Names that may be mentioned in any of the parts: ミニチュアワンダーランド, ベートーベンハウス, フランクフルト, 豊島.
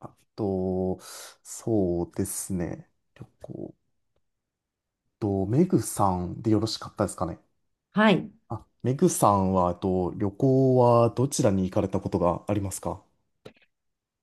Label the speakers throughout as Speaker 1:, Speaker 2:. Speaker 1: あと、そうですね。旅行。と、メグさんでよろしかったですかね。
Speaker 2: はい。
Speaker 1: あ、メグさんは、旅行はどちらに行かれたことがありますか？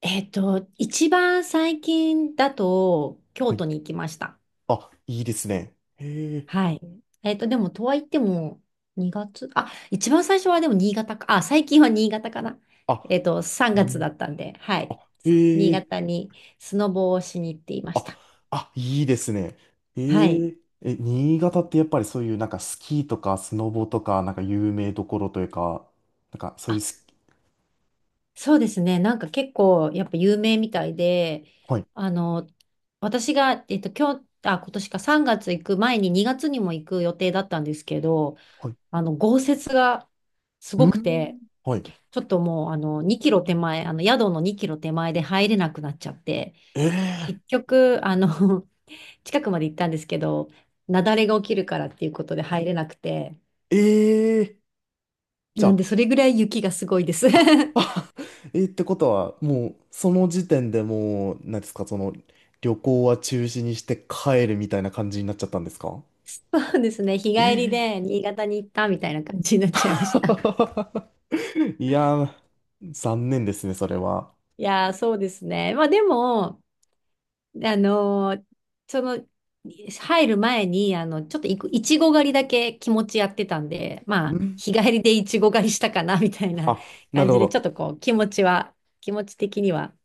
Speaker 2: 一番最近だと、京
Speaker 1: はい。
Speaker 2: 都に行きました。
Speaker 1: あ、いいですね。へえ。
Speaker 2: はい。えっと、でも、とはいっても、2月、あ、一番最初はでも新潟か、あ、最近は新潟かな。
Speaker 1: あ、
Speaker 2: 3
Speaker 1: へ
Speaker 2: 月
Speaker 1: え。
Speaker 2: だったんで、はい。
Speaker 1: へ
Speaker 2: 新
Speaker 1: え。
Speaker 2: 潟にスノボをしに行っていまし
Speaker 1: あ、
Speaker 2: た。
Speaker 1: あ、いいですね。
Speaker 2: は
Speaker 1: へ
Speaker 2: い。
Speaker 1: え。え、新潟ってやっぱりそういうなんかスキーとかスノボとかなんか有名どころというか、なんかそうい
Speaker 2: あ、
Speaker 1: うスキ、
Speaker 2: そうですね。なんか結構、やっぱ有名みたいで、
Speaker 1: はい、
Speaker 2: あの、私が、今日、あ、今年か3月行く前に2月にも行く予定だったんですけど、
Speaker 1: はい。
Speaker 2: あの、豪雪がす
Speaker 1: う
Speaker 2: ごくて、
Speaker 1: ん。はい。
Speaker 2: ちょっともう、あの、2キロ手前、あの、宿の2キロ手前で入れなくなっちゃって、
Speaker 1: ええ
Speaker 2: 結局、あの、近くまで行ったんですけど、雪崩が起きるからっていうことで入れなくて、
Speaker 1: ええ、じゃ
Speaker 2: なんで、
Speaker 1: あ、
Speaker 2: それぐらい雪がすごいです。
Speaker 1: えー、ってことは、もう、その時点でもう、なんですか、その、旅行は中止にして帰るみたいな感じになっちゃったんですか？
Speaker 2: そうですね、日帰りで
Speaker 1: え
Speaker 2: 新潟に行ったみたいな感じになっちゃいました。
Speaker 1: ー、 いやー、残念ですね、それは。
Speaker 2: いやー、そうですね。まあでも、で、その、入る前に、あの、ちょっといく、いちご狩りだけ気持ちやってたんで、ま
Speaker 1: う
Speaker 2: あ、
Speaker 1: ん。
Speaker 2: 日帰りでいちご狩りしたかな、みたいな
Speaker 1: あ、な
Speaker 2: 感
Speaker 1: るほ
Speaker 2: じで、ちょっ
Speaker 1: ど。
Speaker 2: とこう、気持ちは、気持ち的には、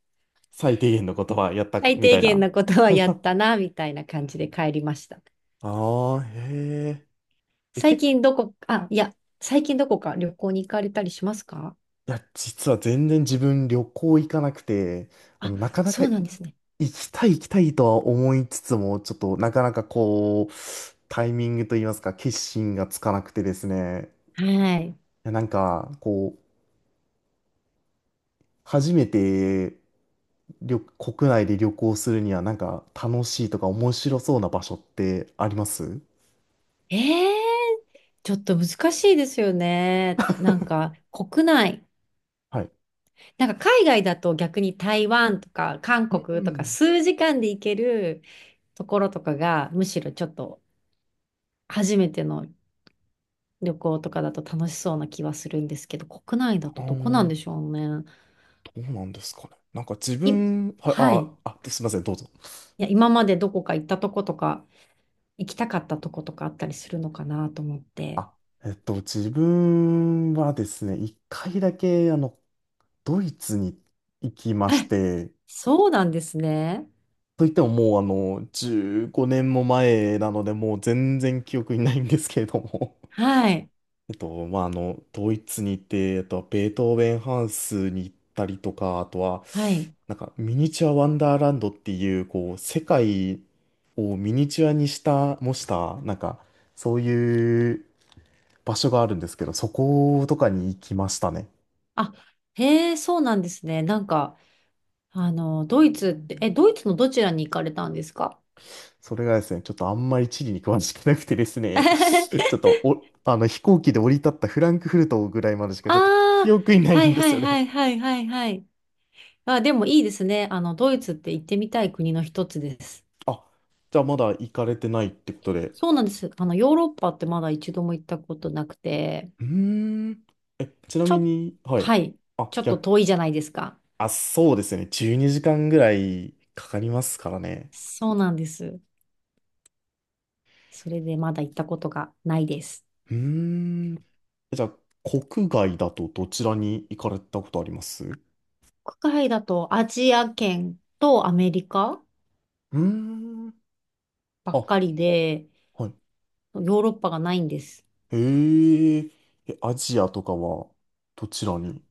Speaker 1: 最低限のことはやった、
Speaker 2: 最
Speaker 1: み
Speaker 2: 低
Speaker 1: たい
Speaker 2: 限
Speaker 1: な。
Speaker 2: なことはやったな、みたいな感じで帰りました。
Speaker 1: ああ、へえ。え、
Speaker 2: 最
Speaker 1: 結構、
Speaker 2: 近どこ、あ、いや、最近どこか旅行に行かれたりしますか？
Speaker 1: いや、実は全然自分旅行行かなくて、
Speaker 2: あ、
Speaker 1: なかなか
Speaker 2: そうなんですね。
Speaker 1: 行きたい行きたいとは思いつつも、ちょっとなかなかこう、タイミングといいますか、決心がつかなくてですね。
Speaker 2: はい。
Speaker 1: いやなんか、こう、初めて国内で旅行するには、なんか楽しいとか面白そうな場所ってあります
Speaker 2: えー、ちょっと難しいですよね。なんか、国内。
Speaker 1: はい。
Speaker 2: なんか海外だと逆に台湾とか韓
Speaker 1: うんう
Speaker 2: 国とか
Speaker 1: ん。
Speaker 2: 数時間で行けるところとかがむしろちょっと初めての旅行とかだと楽しそうな気はするんですけど、国内だ
Speaker 1: あ
Speaker 2: とどこなん
Speaker 1: の、
Speaker 2: でしょうね。
Speaker 1: どうなんですかね。なんか自
Speaker 2: い、
Speaker 1: 分、はい、
Speaker 2: はい。い
Speaker 1: あ、すいません、どうぞ。
Speaker 2: や、今までどこか行ったとことか行きたかったとことかあったりするのかなと思って。
Speaker 1: あ、自分はですね、一回だけ、あの、ドイツに行きまし
Speaker 2: え、
Speaker 1: て、
Speaker 2: そうなんですね。
Speaker 1: といってももう15年も前なので、もう全然記憶にないんですけれども。
Speaker 2: はい。
Speaker 1: まあ、ドイツに行って、ベートーベンハウスに行ったりとか、あとは、
Speaker 2: はい。
Speaker 1: なんかミニチュアワンダーランドっていう、こう、世界をミニチュアにした、模した、なんか、そういう場所があるんですけど、そことかに行きましたね。
Speaker 2: あ、へえ、そうなんですね。なんか、あの、ドイツって、え、ドイツのどちらに行かれたんですか？
Speaker 1: それがですね、ちょっとあんまり地理に詳しくなくてです ね、ち
Speaker 2: あ
Speaker 1: ょっとお、あの飛行機で降り立ったフランクフルトぐらいまでしかちょっと記
Speaker 2: あ、
Speaker 1: 憶にな
Speaker 2: は
Speaker 1: い
Speaker 2: い
Speaker 1: んで
Speaker 2: は
Speaker 1: す
Speaker 2: い
Speaker 1: よ
Speaker 2: は
Speaker 1: ね。
Speaker 2: いはいはいはい。あ、でもいいですね。あの、ドイツって行ってみたい国の一つです。
Speaker 1: あ、じゃあまだ行かれてないってことで。
Speaker 2: そうなんです。あの、ヨーロッパってまだ一度も行ったことなくて、
Speaker 1: うーん。え、ちな
Speaker 2: ち
Speaker 1: み
Speaker 2: ょ、
Speaker 1: に、はい。
Speaker 2: はい。
Speaker 1: あ、
Speaker 2: ちょっと
Speaker 1: 逆、
Speaker 2: 遠いじゃないですか。
Speaker 1: あ、そうですね。12時間ぐらいかかりますからね。
Speaker 2: そうなんです。それでまだ行ったことがないです。
Speaker 1: うーん。じゃあ、国外だとどちらに行かれたことありますう？
Speaker 2: 国外だとアジア圏とアメリカ
Speaker 1: ーん。
Speaker 2: ばっ
Speaker 1: あ、
Speaker 2: かりで、
Speaker 1: はい。
Speaker 2: ヨーロッパがないんです。
Speaker 1: へえ、え、アジアとかはどちらに？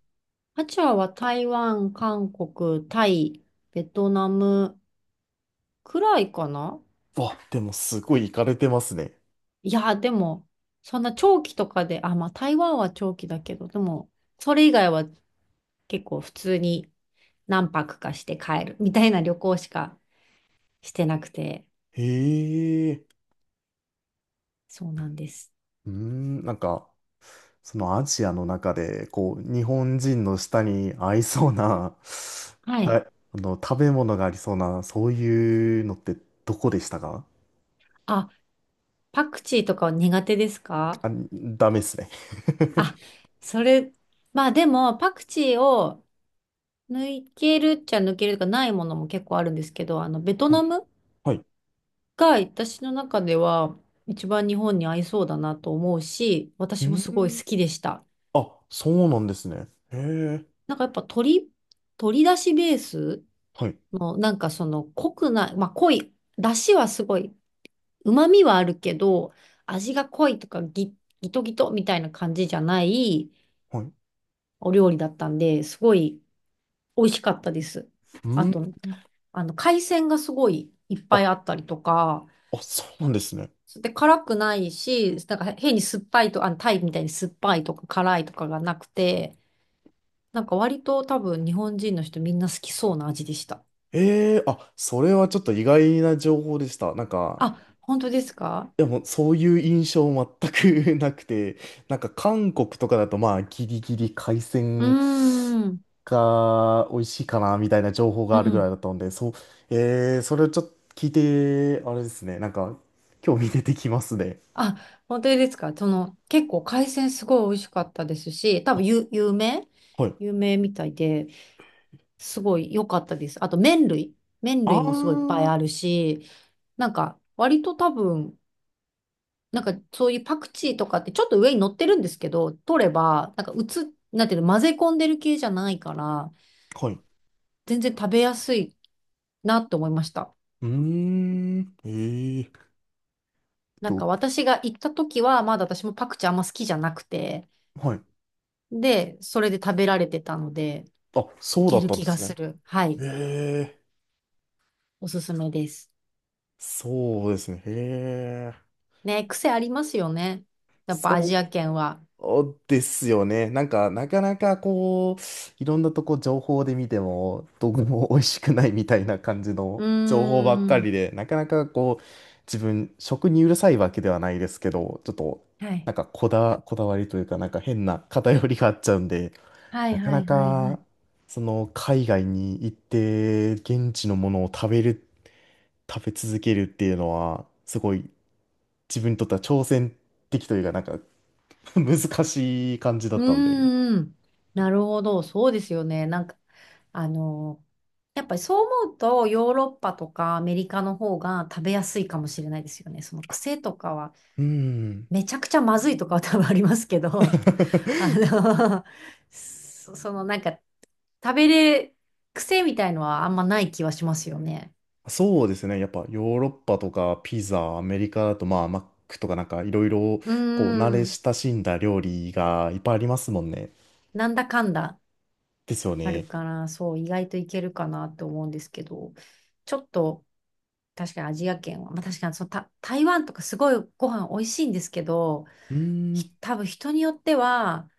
Speaker 2: アジアは台湾、韓国、タイ、ベトナム、くらいかな。
Speaker 1: わ、でもすごい行かれてますね。
Speaker 2: いや、でも、そんな長期とかで、あ、まあ台湾は長期だけど、でも、それ以外は結構普通に何泊かして帰るみたいな旅行しかしてなくて、
Speaker 1: へえ、
Speaker 2: そうなんです。
Speaker 1: うーん、なんか、そのアジアの中で、こう、日本人の舌に合いそうな、
Speaker 2: は
Speaker 1: た
Speaker 2: い。
Speaker 1: あの、食べ物がありそうな、そういうのってどこでしたか？
Speaker 2: あ、パクチーとかは苦手ですか？
Speaker 1: あ、ダメっすね。
Speaker 2: あ、それ、まあでも、パクチーを抜けるっちゃ抜けるとかないものも結構あるんですけど、あの、ベト
Speaker 1: は
Speaker 2: ナ
Speaker 1: い、
Speaker 2: ム
Speaker 1: はい。
Speaker 2: が私の中では一番日本に合いそうだなと思うし、
Speaker 1: う
Speaker 2: 私もす
Speaker 1: ー
Speaker 2: ごい好
Speaker 1: ん、
Speaker 2: きでした。
Speaker 1: あ、そうなんですね。へえ、
Speaker 2: なんかやっぱ鶏だしベース
Speaker 1: はい、
Speaker 2: のなんかその濃くない、まあ濃い、だしはすごい、旨味はあるけど、味が濃いとかギトギトみたいな感じじゃない
Speaker 1: はい。う
Speaker 2: お料理だったんで、すごい美味しかったです。
Speaker 1: ー
Speaker 2: あ
Speaker 1: ん、
Speaker 2: と、あの海鮮がすごいいっ
Speaker 1: あ、
Speaker 2: ぱいあったりとか、
Speaker 1: あ、そうなんですね。
Speaker 2: で、辛くないし、なんか変に酸っぱいと、あの、タイみたいに酸っぱいとか辛いとかがなくて、なんか割と多分日本人の人みんな好きそうな味でした。
Speaker 1: ええ、あ、それはちょっと意外な情報でした。なんか、
Speaker 2: あ、本当ですか？
Speaker 1: でもそういう印象全く なくて、なんか韓国とかだとまあギリギリ海
Speaker 2: うー
Speaker 1: 鮮
Speaker 2: ん、
Speaker 1: が美味しいかなみたいな情報が
Speaker 2: う
Speaker 1: あるぐらい
Speaker 2: ん。
Speaker 1: だったんで、そう、ええ、それをちょっと聞いて、あれですね、なんか興味出てきますね。
Speaker 2: あ、本当ですか？その、結構海鮮すごい美味しかったですし、多分有名
Speaker 1: はい。
Speaker 2: 有名みたいで、すごい良かったです。あと麺類。麺
Speaker 1: あ
Speaker 2: 類もすごいいっぱい
Speaker 1: ー、
Speaker 2: あるし、なんか割と多分なんかそういうパクチーとかってちょっと上に乗ってるんですけど、取れば、なんかうつ、なんていうの、混ぜ込んでる系じゃないから、
Speaker 1: はい。
Speaker 2: 全然食べやすいなって思いました。
Speaker 1: うーん、
Speaker 2: なん
Speaker 1: と、
Speaker 2: か私が行った時は、まだ私もパクチーあんま好きじゃなくて、
Speaker 1: はい。
Speaker 2: で、それで食べられてたので、
Speaker 1: あ、
Speaker 2: い
Speaker 1: そうだ
Speaker 2: け
Speaker 1: っ
Speaker 2: る
Speaker 1: たん
Speaker 2: 気
Speaker 1: で
Speaker 2: が
Speaker 1: す
Speaker 2: す
Speaker 1: ね。
Speaker 2: る。はい。
Speaker 1: ええ、
Speaker 2: おすすめです。
Speaker 1: そうですね。へえ。
Speaker 2: ね、癖ありますよね。やっぱアジア
Speaker 1: そ
Speaker 2: 圏は。
Speaker 1: うですよね。なんか、なかなかこう、いろんなとこ情報で見ても、どこも美味しくないみたいな感じ
Speaker 2: う
Speaker 1: の情報ばっか
Speaker 2: ー
Speaker 1: り
Speaker 2: ん。
Speaker 1: で、なかなかこう、自分、食にうるさいわけではないですけど、ちょっと、
Speaker 2: はい。
Speaker 1: こだわりというか、なんか変な偏りがあっちゃうんで、
Speaker 2: はい
Speaker 1: なか
Speaker 2: は
Speaker 1: な
Speaker 2: いはいは
Speaker 1: か、
Speaker 2: い。
Speaker 1: その、海外に行って、現地のものを食べ続けるっていうのは、すごい、自分にとっては挑戦的というか、なんか 難しい感じだ
Speaker 2: う
Speaker 1: ったんで。
Speaker 2: ーん。なるほど。そうですよね。なんか、あのやっぱりそう思うと、ヨーロッパとかアメリカの方が食べやすいかもしれないですよね。その癖とかは、
Speaker 1: うん。
Speaker 2: めちゃくちゃまずいとかは多分ありますけど、あ の、そそのなんか、食べれ、癖みたいのはあんまない気はしますよね。
Speaker 1: そうですね。やっぱヨーロッパとかピザ、アメリカだとまあマックとかなんかいろいろ
Speaker 2: うー
Speaker 1: こう慣れ
Speaker 2: ん、
Speaker 1: 親しんだ料理がいっぱいありますもんね。
Speaker 2: なんだかんだ
Speaker 1: ですよ
Speaker 2: あ
Speaker 1: ね。
Speaker 2: るから、そう、意外といけるかなと思うんですけど、ちょっと、確かにアジア圏は、まあ、確かにそのた台湾とかすごいご飯美味しいんですけど、
Speaker 1: うー
Speaker 2: ひ
Speaker 1: ん。
Speaker 2: 多分人によっては、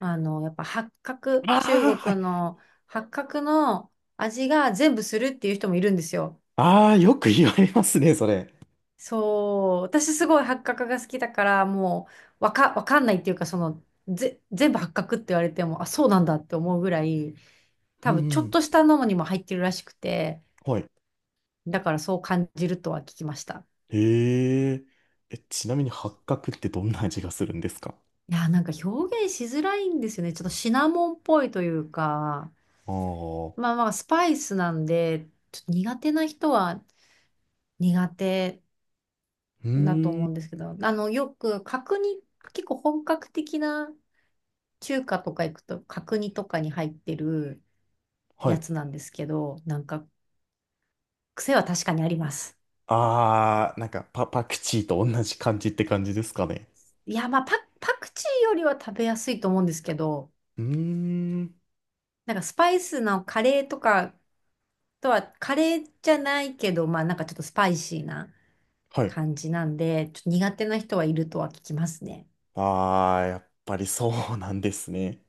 Speaker 2: あの、やっぱ八角、
Speaker 1: あ
Speaker 2: 中
Speaker 1: あ、はい。
Speaker 2: 国の八角の味が全部するっていう人もいるんですよ。
Speaker 1: ああ、よく言われますね、それ。
Speaker 2: そう、私すごい八角が好きだから、もうわかんないっていうか、その、ぜ、全部八角って言われても、あ、そうなんだって思うぐらい、
Speaker 1: うん
Speaker 2: 多分ちょ
Speaker 1: う
Speaker 2: っ
Speaker 1: ん。
Speaker 2: としたのにも入ってるらしくて、
Speaker 1: はい。
Speaker 2: だからそう感じるとは聞きました。
Speaker 1: へえ。え、ちなみに八角ってどんな味がするんですか？
Speaker 2: いやー、なんか表現しづらいんですよね。ちょっとシナモンっぽいというか、
Speaker 1: ああ
Speaker 2: ま
Speaker 1: ー、
Speaker 2: あまあスパイスなんで、ちょっと苦手な人は苦手。
Speaker 1: う
Speaker 2: だと
Speaker 1: ー
Speaker 2: 思
Speaker 1: ん。
Speaker 2: うんですけど、あの、よく角煮、結構本格的な中華とか行くと角煮とかに入ってる
Speaker 1: は
Speaker 2: や
Speaker 1: い。
Speaker 2: つなんですけど、なんか癖は確かにあります。
Speaker 1: あー、なんかパクチーと同じ感じって感じですかね。
Speaker 2: いや、パクチーよりは食べやすいと思うんですけど、
Speaker 1: うーん。
Speaker 2: なんかスパイスのカレーとかとは、カレーじゃないけど、まあなんかちょっとスパイシーな
Speaker 1: はい。
Speaker 2: 感じなんで、ちょっと苦手な人はいるとは聞きますね。
Speaker 1: あー、やっぱりそうなんですね。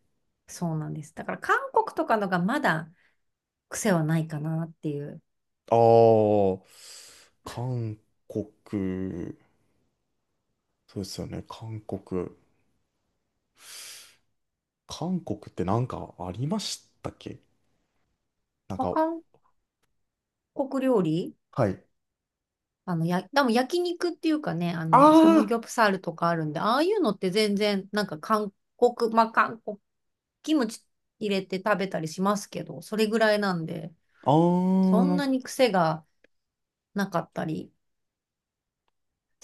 Speaker 2: そうなんです。だから韓国とかのがまだ癖はないかなっていう。
Speaker 1: あー、韓国。そうですよね、韓国。韓国ってなんかありましたっけ？なん
Speaker 2: まあ
Speaker 1: か、
Speaker 2: 韓国料理、
Speaker 1: はい。
Speaker 2: あの、や、でも焼肉っていうかね、あ
Speaker 1: あ
Speaker 2: の、サム
Speaker 1: ー、
Speaker 2: ギョプサルとかあるんで、ああいうのって全然、なんか韓国、まあ、韓国、キムチ入れて食べたりしますけど、それぐらいなんで、
Speaker 1: あ
Speaker 2: そ
Speaker 1: ー、な
Speaker 2: ん
Speaker 1: る
Speaker 2: な
Speaker 1: ほ
Speaker 2: に
Speaker 1: ど。
Speaker 2: 癖がなかったり、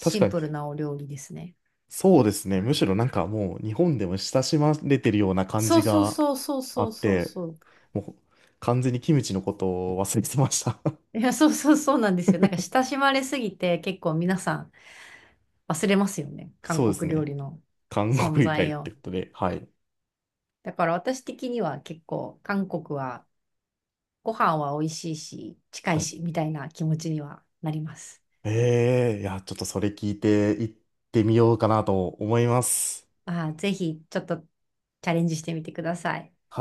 Speaker 1: 確か
Speaker 2: ン
Speaker 1: に。
Speaker 2: プルなお料理ですね。
Speaker 1: そうですね。むしろなんかもう日本でも親しまれてるような感
Speaker 2: そ
Speaker 1: じ
Speaker 2: うそう
Speaker 1: が
Speaker 2: そうそう
Speaker 1: あ
Speaker 2: そう
Speaker 1: っ
Speaker 2: そう
Speaker 1: て、
Speaker 2: そう。
Speaker 1: もう完全にキムチのことを忘れてました。
Speaker 2: いや、そうそうそうなんですよ。なんか親しまれすぎて、結構皆さん忘れますよね。韓
Speaker 1: そうです
Speaker 2: 国料
Speaker 1: ね。
Speaker 2: 理の
Speaker 1: 韓
Speaker 2: 存
Speaker 1: 国以来っ
Speaker 2: 在を。
Speaker 1: てことで、はい。
Speaker 2: だから私的には結構、韓国は、ご飯は美味しいし、近
Speaker 1: は
Speaker 2: い
Speaker 1: い。
Speaker 2: し、みたいな気持ちにはなります。
Speaker 1: ええ、いや、ちょっとそれ聞いて行ってみようかなと思います。
Speaker 2: まあー、ぜひ、ちょっとチャレンジしてみてください。
Speaker 1: はい。